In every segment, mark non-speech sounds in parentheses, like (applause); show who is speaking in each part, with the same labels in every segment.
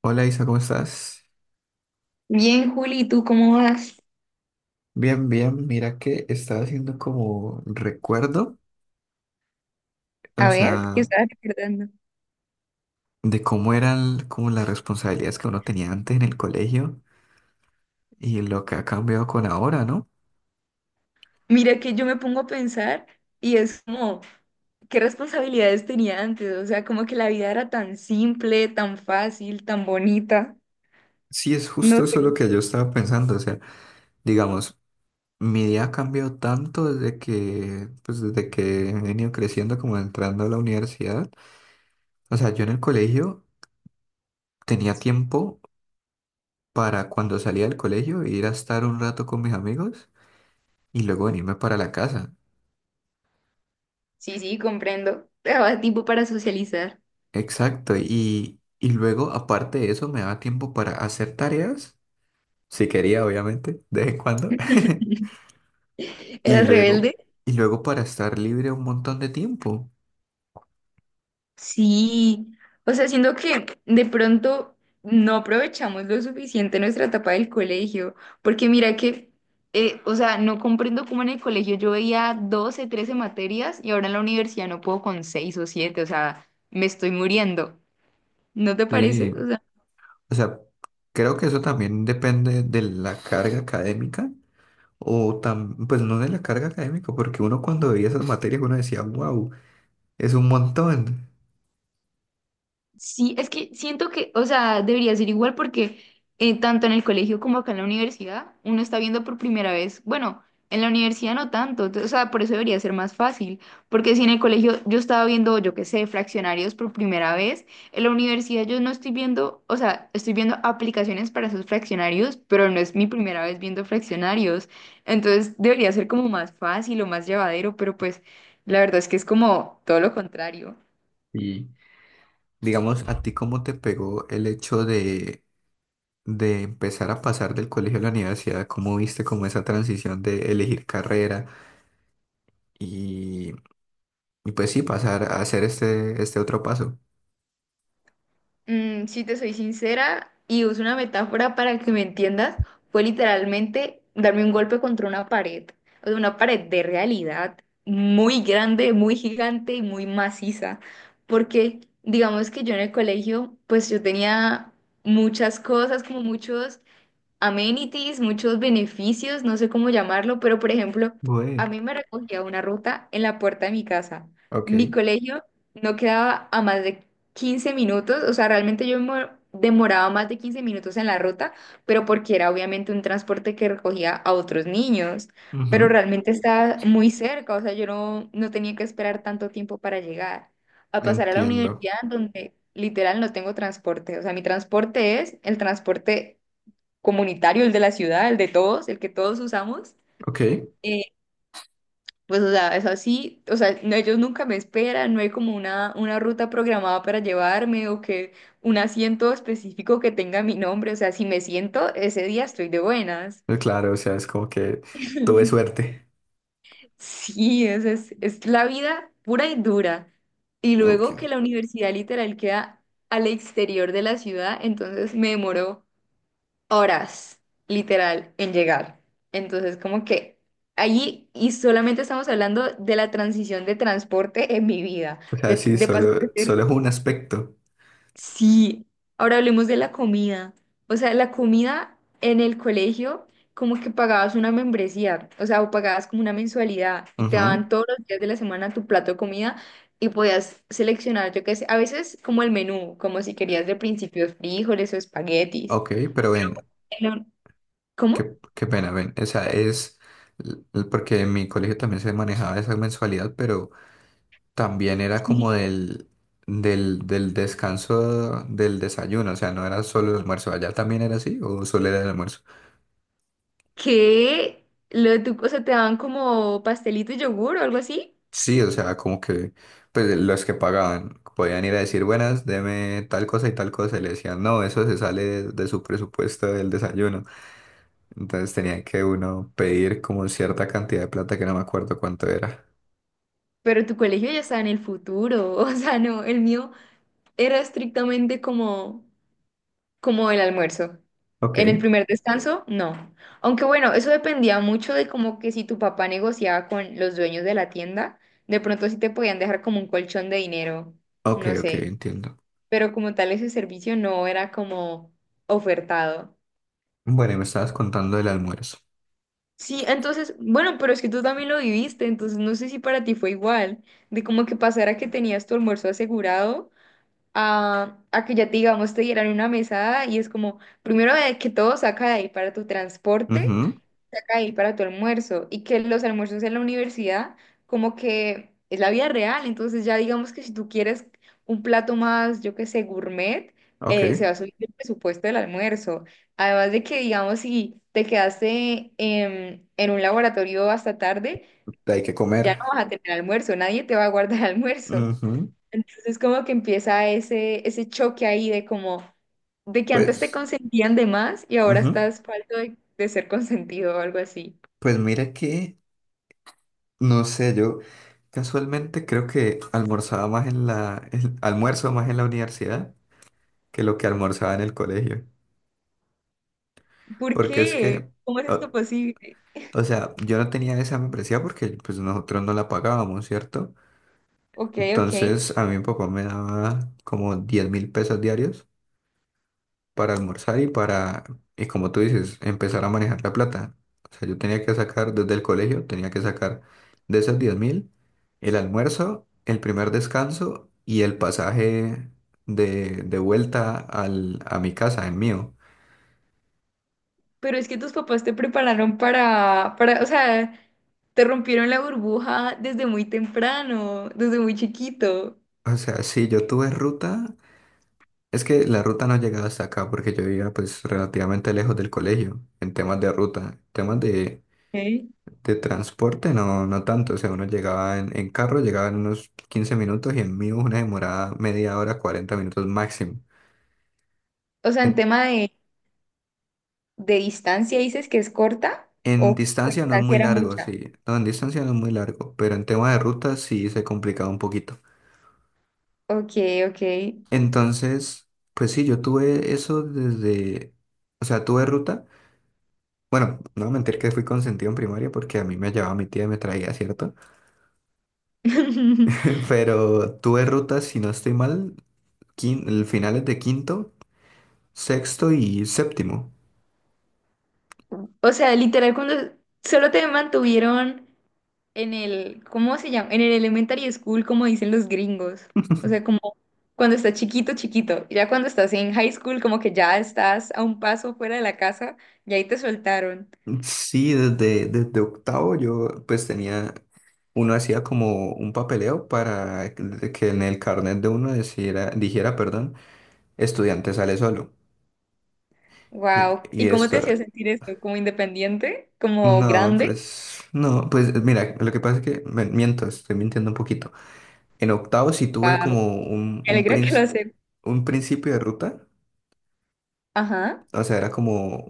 Speaker 1: Hola Isa, ¿cómo estás?
Speaker 2: Bien, Juli, ¿Tú cómo vas?
Speaker 1: Bien, bien. Mira que estaba haciendo como recuerdo,
Speaker 2: A
Speaker 1: o
Speaker 2: ver, ¿qué
Speaker 1: sea,
Speaker 2: estabas recordando?
Speaker 1: de cómo eran como las responsabilidades que uno tenía antes en el colegio y lo que ha cambiado con ahora, ¿no?
Speaker 2: Mira que yo me pongo a pensar y es como, ¿qué responsabilidades tenía antes? O sea, como que la vida era tan simple, tan fácil, tan bonita.
Speaker 1: Sí, es
Speaker 2: No
Speaker 1: justo eso
Speaker 2: sé.
Speaker 1: lo que yo estaba pensando, o sea, digamos, mi día ha cambiado tanto desde que he venido creciendo, como entrando a la universidad. O sea, yo en el colegio tenía tiempo para cuando salía del colegio ir a estar un rato con mis amigos y luego venirme para la casa.
Speaker 2: Sí, sí, comprendo. Te daba tiempo para socializar.
Speaker 1: Exacto, y luego aparte de eso me daba tiempo para hacer tareas, si quería obviamente, de vez en cuando.
Speaker 2: (laughs)
Speaker 1: (laughs) y
Speaker 2: ¿Eras
Speaker 1: luego,
Speaker 2: rebelde?
Speaker 1: y luego para estar libre un montón de tiempo.
Speaker 2: Sí, o sea, siento que de pronto no aprovechamos lo suficiente nuestra etapa del colegio, porque mira que, o sea, no comprendo cómo en el colegio yo veía 12, 13 materias y ahora en la universidad no puedo con 6 o 7, o sea, me estoy muriendo, ¿no te
Speaker 1: Sí,
Speaker 2: parece?
Speaker 1: o sea, creo que eso también depende de la carga académica, pues no de la carga académica, porque uno cuando veía esas materias uno decía, wow, es un montón.
Speaker 2: Sí, es que siento que, o sea, debería ser igual porque tanto en el colegio como acá en la universidad, uno está viendo por primera vez, bueno, en la universidad no tanto, o sea, por eso debería ser más fácil, porque si en el colegio yo estaba viendo, yo qué sé, fraccionarios por primera vez, en la universidad yo no estoy viendo, o sea, estoy viendo aplicaciones para esos fraccionarios, pero no es mi primera vez viendo fraccionarios, entonces debería ser como más fácil o más llevadero, pero pues la verdad es que es como todo lo contrario.
Speaker 1: Y digamos, ¿a ti cómo te pegó el hecho de empezar a pasar del colegio a la universidad? ¿Cómo viste como esa transición de elegir carrera y, y pues sí, pasar a hacer este otro paso?
Speaker 2: Si te soy sincera y uso una metáfora para que me entiendas, fue literalmente darme un golpe contra una pared, o sea, una pared de realidad muy grande, muy gigante y muy maciza, porque digamos que yo en el colegio, pues yo tenía muchas cosas, como muchos amenities, muchos beneficios, no sé cómo llamarlo, pero por ejemplo, a
Speaker 1: Bueno,
Speaker 2: mí me recogía una ruta en la puerta de mi casa. Mi
Speaker 1: ok.
Speaker 2: colegio no quedaba a más de 15 minutos, o sea, realmente yo demoraba más de 15 minutos en la ruta, pero porque era obviamente un transporte que recogía a otros niños, pero
Speaker 1: Ujú.
Speaker 2: realmente estaba muy cerca, o sea, yo no, no tenía que esperar tanto tiempo para llegar. A pasar a la
Speaker 1: Entiendo.
Speaker 2: universidad donde literal no tengo transporte, o sea, mi transporte es el transporte comunitario, el de la ciudad, el de todos, el que todos usamos.
Speaker 1: Ok.
Speaker 2: eh, o sea, es así, o sea, no, ellos nunca me esperan, no hay como una ruta programada para llevarme o que un asiento específico que tenga mi nombre, o sea, si me siento, ese día estoy de buenas.
Speaker 1: Claro, o sea, es como que tuve
Speaker 2: (laughs)
Speaker 1: suerte.
Speaker 2: Sí, es la vida pura y dura. Y luego que
Speaker 1: Ok.
Speaker 2: la universidad literal queda al exterior de la ciudad, entonces me demoró horas, literal, en llegar. Entonces, como que allí, y solamente estamos hablando de la transición de transporte en mi vida,
Speaker 1: O sea, sí,
Speaker 2: de pasar de
Speaker 1: solo,
Speaker 2: ser...
Speaker 1: solo es un aspecto.
Speaker 2: Sí, ahora hablemos de la comida. O sea, la comida en el colegio, como que pagabas una membresía, o sea, o pagabas como una mensualidad y te
Speaker 1: Ujú.
Speaker 2: daban todos los días de la semana tu plato de comida. Y podías seleccionar, yo qué sé, a veces como el menú, como si querías de principio frijoles o espaguetis.
Speaker 1: Ok, pero ven,
Speaker 2: En la- ¿Cómo?
Speaker 1: qué pena, ven. O sea, porque en mi colegio también se manejaba esa mensualidad, pero también era como del descanso del desayuno, o sea, no era solo el almuerzo, allá también era así, o solo era el almuerzo.
Speaker 2: Que lo de tu cosa te daban como pastelito y yogur o algo así,
Speaker 1: Sí, o sea, como que pues los que pagaban podían ir a decir, buenas, deme tal cosa, y le decían, no, eso se sale de su presupuesto del desayuno. Entonces tenía que uno pedir como cierta cantidad de plata que no me acuerdo cuánto era.
Speaker 2: pero tu colegio ya estaba en el futuro, (laughs) o sea, no, el mío era estrictamente como, como el almuerzo.
Speaker 1: Ok,
Speaker 2: En el primer descanso, no. Aunque bueno, eso dependía mucho de como que si tu papá negociaba con los dueños de la tienda, de pronto sí te podían dejar como un colchón de dinero,
Speaker 1: ok,
Speaker 2: no
Speaker 1: ok,
Speaker 2: sé,
Speaker 1: entiendo.
Speaker 2: pero como tal ese servicio no era como ofertado.
Speaker 1: Bueno, y me estabas contando del almuerzo.
Speaker 2: Sí, entonces, bueno, pero es que tú también lo viviste, entonces no sé si para ti fue igual, de como que pasara que tenías tu almuerzo asegurado a que ya te, digamos, te dieran una mesada y es como, primero de que todo saca de ahí para tu transporte
Speaker 1: Ujú,
Speaker 2: ahí para tu almuerzo y que los almuerzos en la universidad como que es la vida real, entonces ya digamos que si tú quieres un plato más, yo qué sé, gourmet,
Speaker 1: ok,
Speaker 2: se va a subir el presupuesto del almuerzo. Además de que digamos si te quedaste en un laboratorio hasta tarde,
Speaker 1: hay que
Speaker 2: ya no
Speaker 1: comer.
Speaker 2: vas a tener almuerzo, nadie te va a guardar (laughs) almuerzo.
Speaker 1: Ujú.
Speaker 2: Entonces como que empieza ese choque ahí de como de que antes te
Speaker 1: Pues,
Speaker 2: consentían de más y ahora
Speaker 1: ujú.
Speaker 2: estás falto de ser consentido o algo así.
Speaker 1: Pues mira que, no sé, yo casualmente creo que almorzaba más almuerzo más en la universidad que lo que almorzaba en el colegio.
Speaker 2: ¿Por
Speaker 1: Porque es
Speaker 2: qué?
Speaker 1: que,
Speaker 2: ¿Cómo es esto
Speaker 1: o,
Speaker 2: posible?
Speaker 1: o sea, yo no tenía esa membresía porque pues nosotros no la pagábamos, ¿cierto?
Speaker 2: Ok, ok.
Speaker 1: Entonces a mí mi papá me daba como 10.000 pesos diarios para almorzar y como tú dices, empezar a manejar la plata. O sea, yo tenía que sacar desde el colegio, tenía que sacar de esos 10.000 el almuerzo, el primer descanso y el pasaje de vuelta a mi casa, en mío.
Speaker 2: Pero es que tus papás te prepararon o sea, te rompieron la burbuja desde muy temprano, desde muy chiquito.
Speaker 1: O sea, si yo tuve ruta, es que la ruta no llegaba hasta acá porque yo vivía pues relativamente lejos del colegio en temas de ruta, temas de
Speaker 2: Ok.
Speaker 1: De transporte. No, no tanto. O sea, uno llegaba en carro, llegaba en unos 15 minutos, y en mí una demorada media hora, 40 minutos máximo.
Speaker 2: O sea, en
Speaker 1: En,
Speaker 2: tema de distancia, ¿dices que es corta
Speaker 1: en
Speaker 2: o con
Speaker 1: distancia no es
Speaker 2: distancia
Speaker 1: muy
Speaker 2: era
Speaker 1: largo,
Speaker 2: mucha?
Speaker 1: sí. No, en distancia no es muy largo, pero en tema de ruta sí se complicaba un poquito.
Speaker 2: Ok, ok.
Speaker 1: Entonces, pues sí, yo tuve eso desde, o sea, tuve ruta. Bueno, no voy a mentir que fui consentido en primaria, porque a mí me llevaba mi tía y me traía, ¿cierto?
Speaker 2: (laughs)
Speaker 1: (laughs) Pero tuve ruta, si no estoy mal, el finales de quinto, sexto y séptimo.
Speaker 2: O sea, literal, cuando solo te mantuvieron en el, ¿cómo se llama? En el elementary school, como dicen los gringos. O sea, como cuando estás chiquito, chiquito. Y ya cuando estás en high school, como que ya estás a un paso fuera de la casa y ahí te soltaron.
Speaker 1: Sí, desde octavo yo pues tenía, uno hacía como un papeleo para que en el carnet de uno dijera, dijera, perdón, estudiante sale solo. Y,
Speaker 2: Wow.
Speaker 1: y
Speaker 2: ¿Y cómo te hacía
Speaker 1: esto,
Speaker 2: sentir eso? ¿Como independiente? ¿Como
Speaker 1: no,
Speaker 2: grande?
Speaker 1: pues, no, pues mira, lo que pasa es que, miento, estoy mintiendo un poquito. En octavo sí tuve
Speaker 2: Wow.
Speaker 1: como un,
Speaker 2: Me
Speaker 1: un,
Speaker 2: alegra que lo
Speaker 1: princ-
Speaker 2: haces.
Speaker 1: un principio de ruta,
Speaker 2: Ajá.
Speaker 1: o sea, era como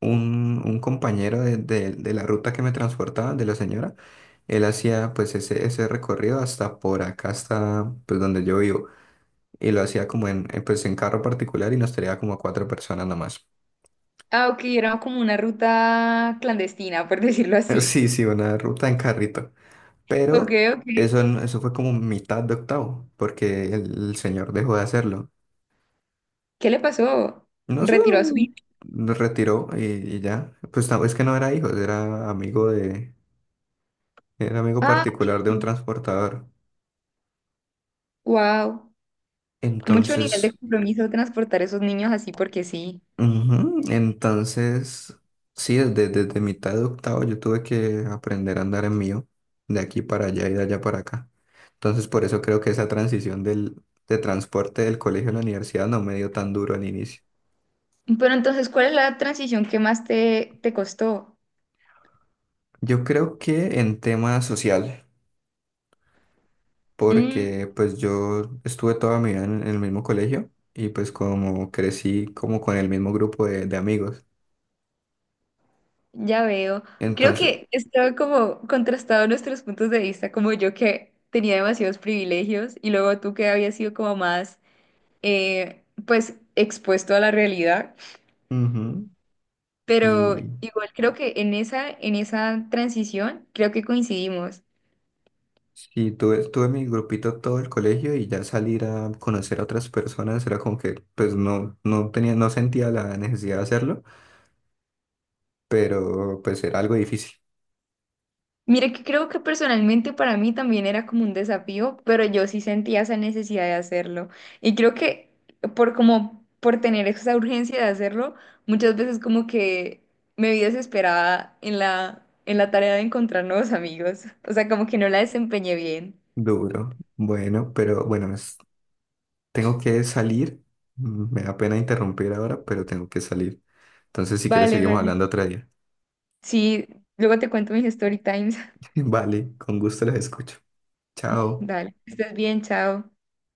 Speaker 1: un compañero de la ruta que me transportaba, de la señora. Él hacía pues ese recorrido hasta por acá, hasta pues donde yo vivo, y lo hacía como pues en carro particular, y nos traía como a cuatro personas nomás. (laughs)
Speaker 2: Ah, ok, era como una ruta clandestina, por (laughs) decirlo así.
Speaker 1: Sí, sí, una ruta en carrito,
Speaker 2: Ok,
Speaker 1: pero
Speaker 2: ok.
Speaker 1: eso, no- eso fue como mitad de octavo, porque el señor dejó de hacerlo.
Speaker 2: ¿Qué le pasó?
Speaker 1: No sé,
Speaker 2: ¿Retiró a su hijo?
Speaker 1: nos retiró y ya. Pues no, es que no era hijo, era amigo
Speaker 2: Ah,
Speaker 1: particular de un
Speaker 2: ok.
Speaker 1: transportador.
Speaker 2: Wow. Mucho nivel de
Speaker 1: Entonces,
Speaker 2: compromiso transportar esos niños así porque sí.
Speaker 1: ujú. Entonces, sí, desde mitad de octavo yo tuve que aprender a andar en mío, de aquí para allá y de allá para acá. Entonces, por eso creo que esa transición de transporte del colegio a la universidad no me dio tan duro al inicio.
Speaker 2: Pero entonces, ¿cuál es la transición que más te costó?
Speaker 1: Yo creo que en tema social,
Speaker 2: Mm,
Speaker 1: porque pues yo estuve toda mi vida en el mismo colegio y pues como crecí como con el mismo grupo de amigos.
Speaker 2: ya veo. Creo
Speaker 1: Entonces,
Speaker 2: que estaba como contrastado nuestros puntos de vista, como yo que tenía demasiados privilegios y luego tú que habías sido como más, expuesto a la realidad.
Speaker 1: ujú.
Speaker 2: Pero igual creo que en esa transición creo que coincidimos.
Speaker 1: Sí, tuve mi grupito todo el colegio, y ya salir a conocer a otras personas era como que pues no tenía, no sentía la necesidad de hacerlo, pero pues era algo difícil,
Speaker 2: Mire que creo que personalmente para mí también era como un desafío, pero yo sí sentía esa necesidad de hacerlo. Y creo que por tener esa urgencia de hacerlo, muchas veces como que me vi desesperada en la tarea de encontrar nuevos amigos. O sea, como que no la desempeñé bien.
Speaker 1: duro. Bueno, pero bueno, tengo que salir. Me da pena interrumpir ahora, pero tengo que salir. Entonces, si quieres,
Speaker 2: Vale,
Speaker 1: seguimos
Speaker 2: vale.
Speaker 1: hablando otro día.
Speaker 2: Sí, luego te cuento mis story times.
Speaker 1: (laughs) Vale, con gusto los escucho.
Speaker 2: (laughs)
Speaker 1: Chao.
Speaker 2: Dale, que estés bien, chao.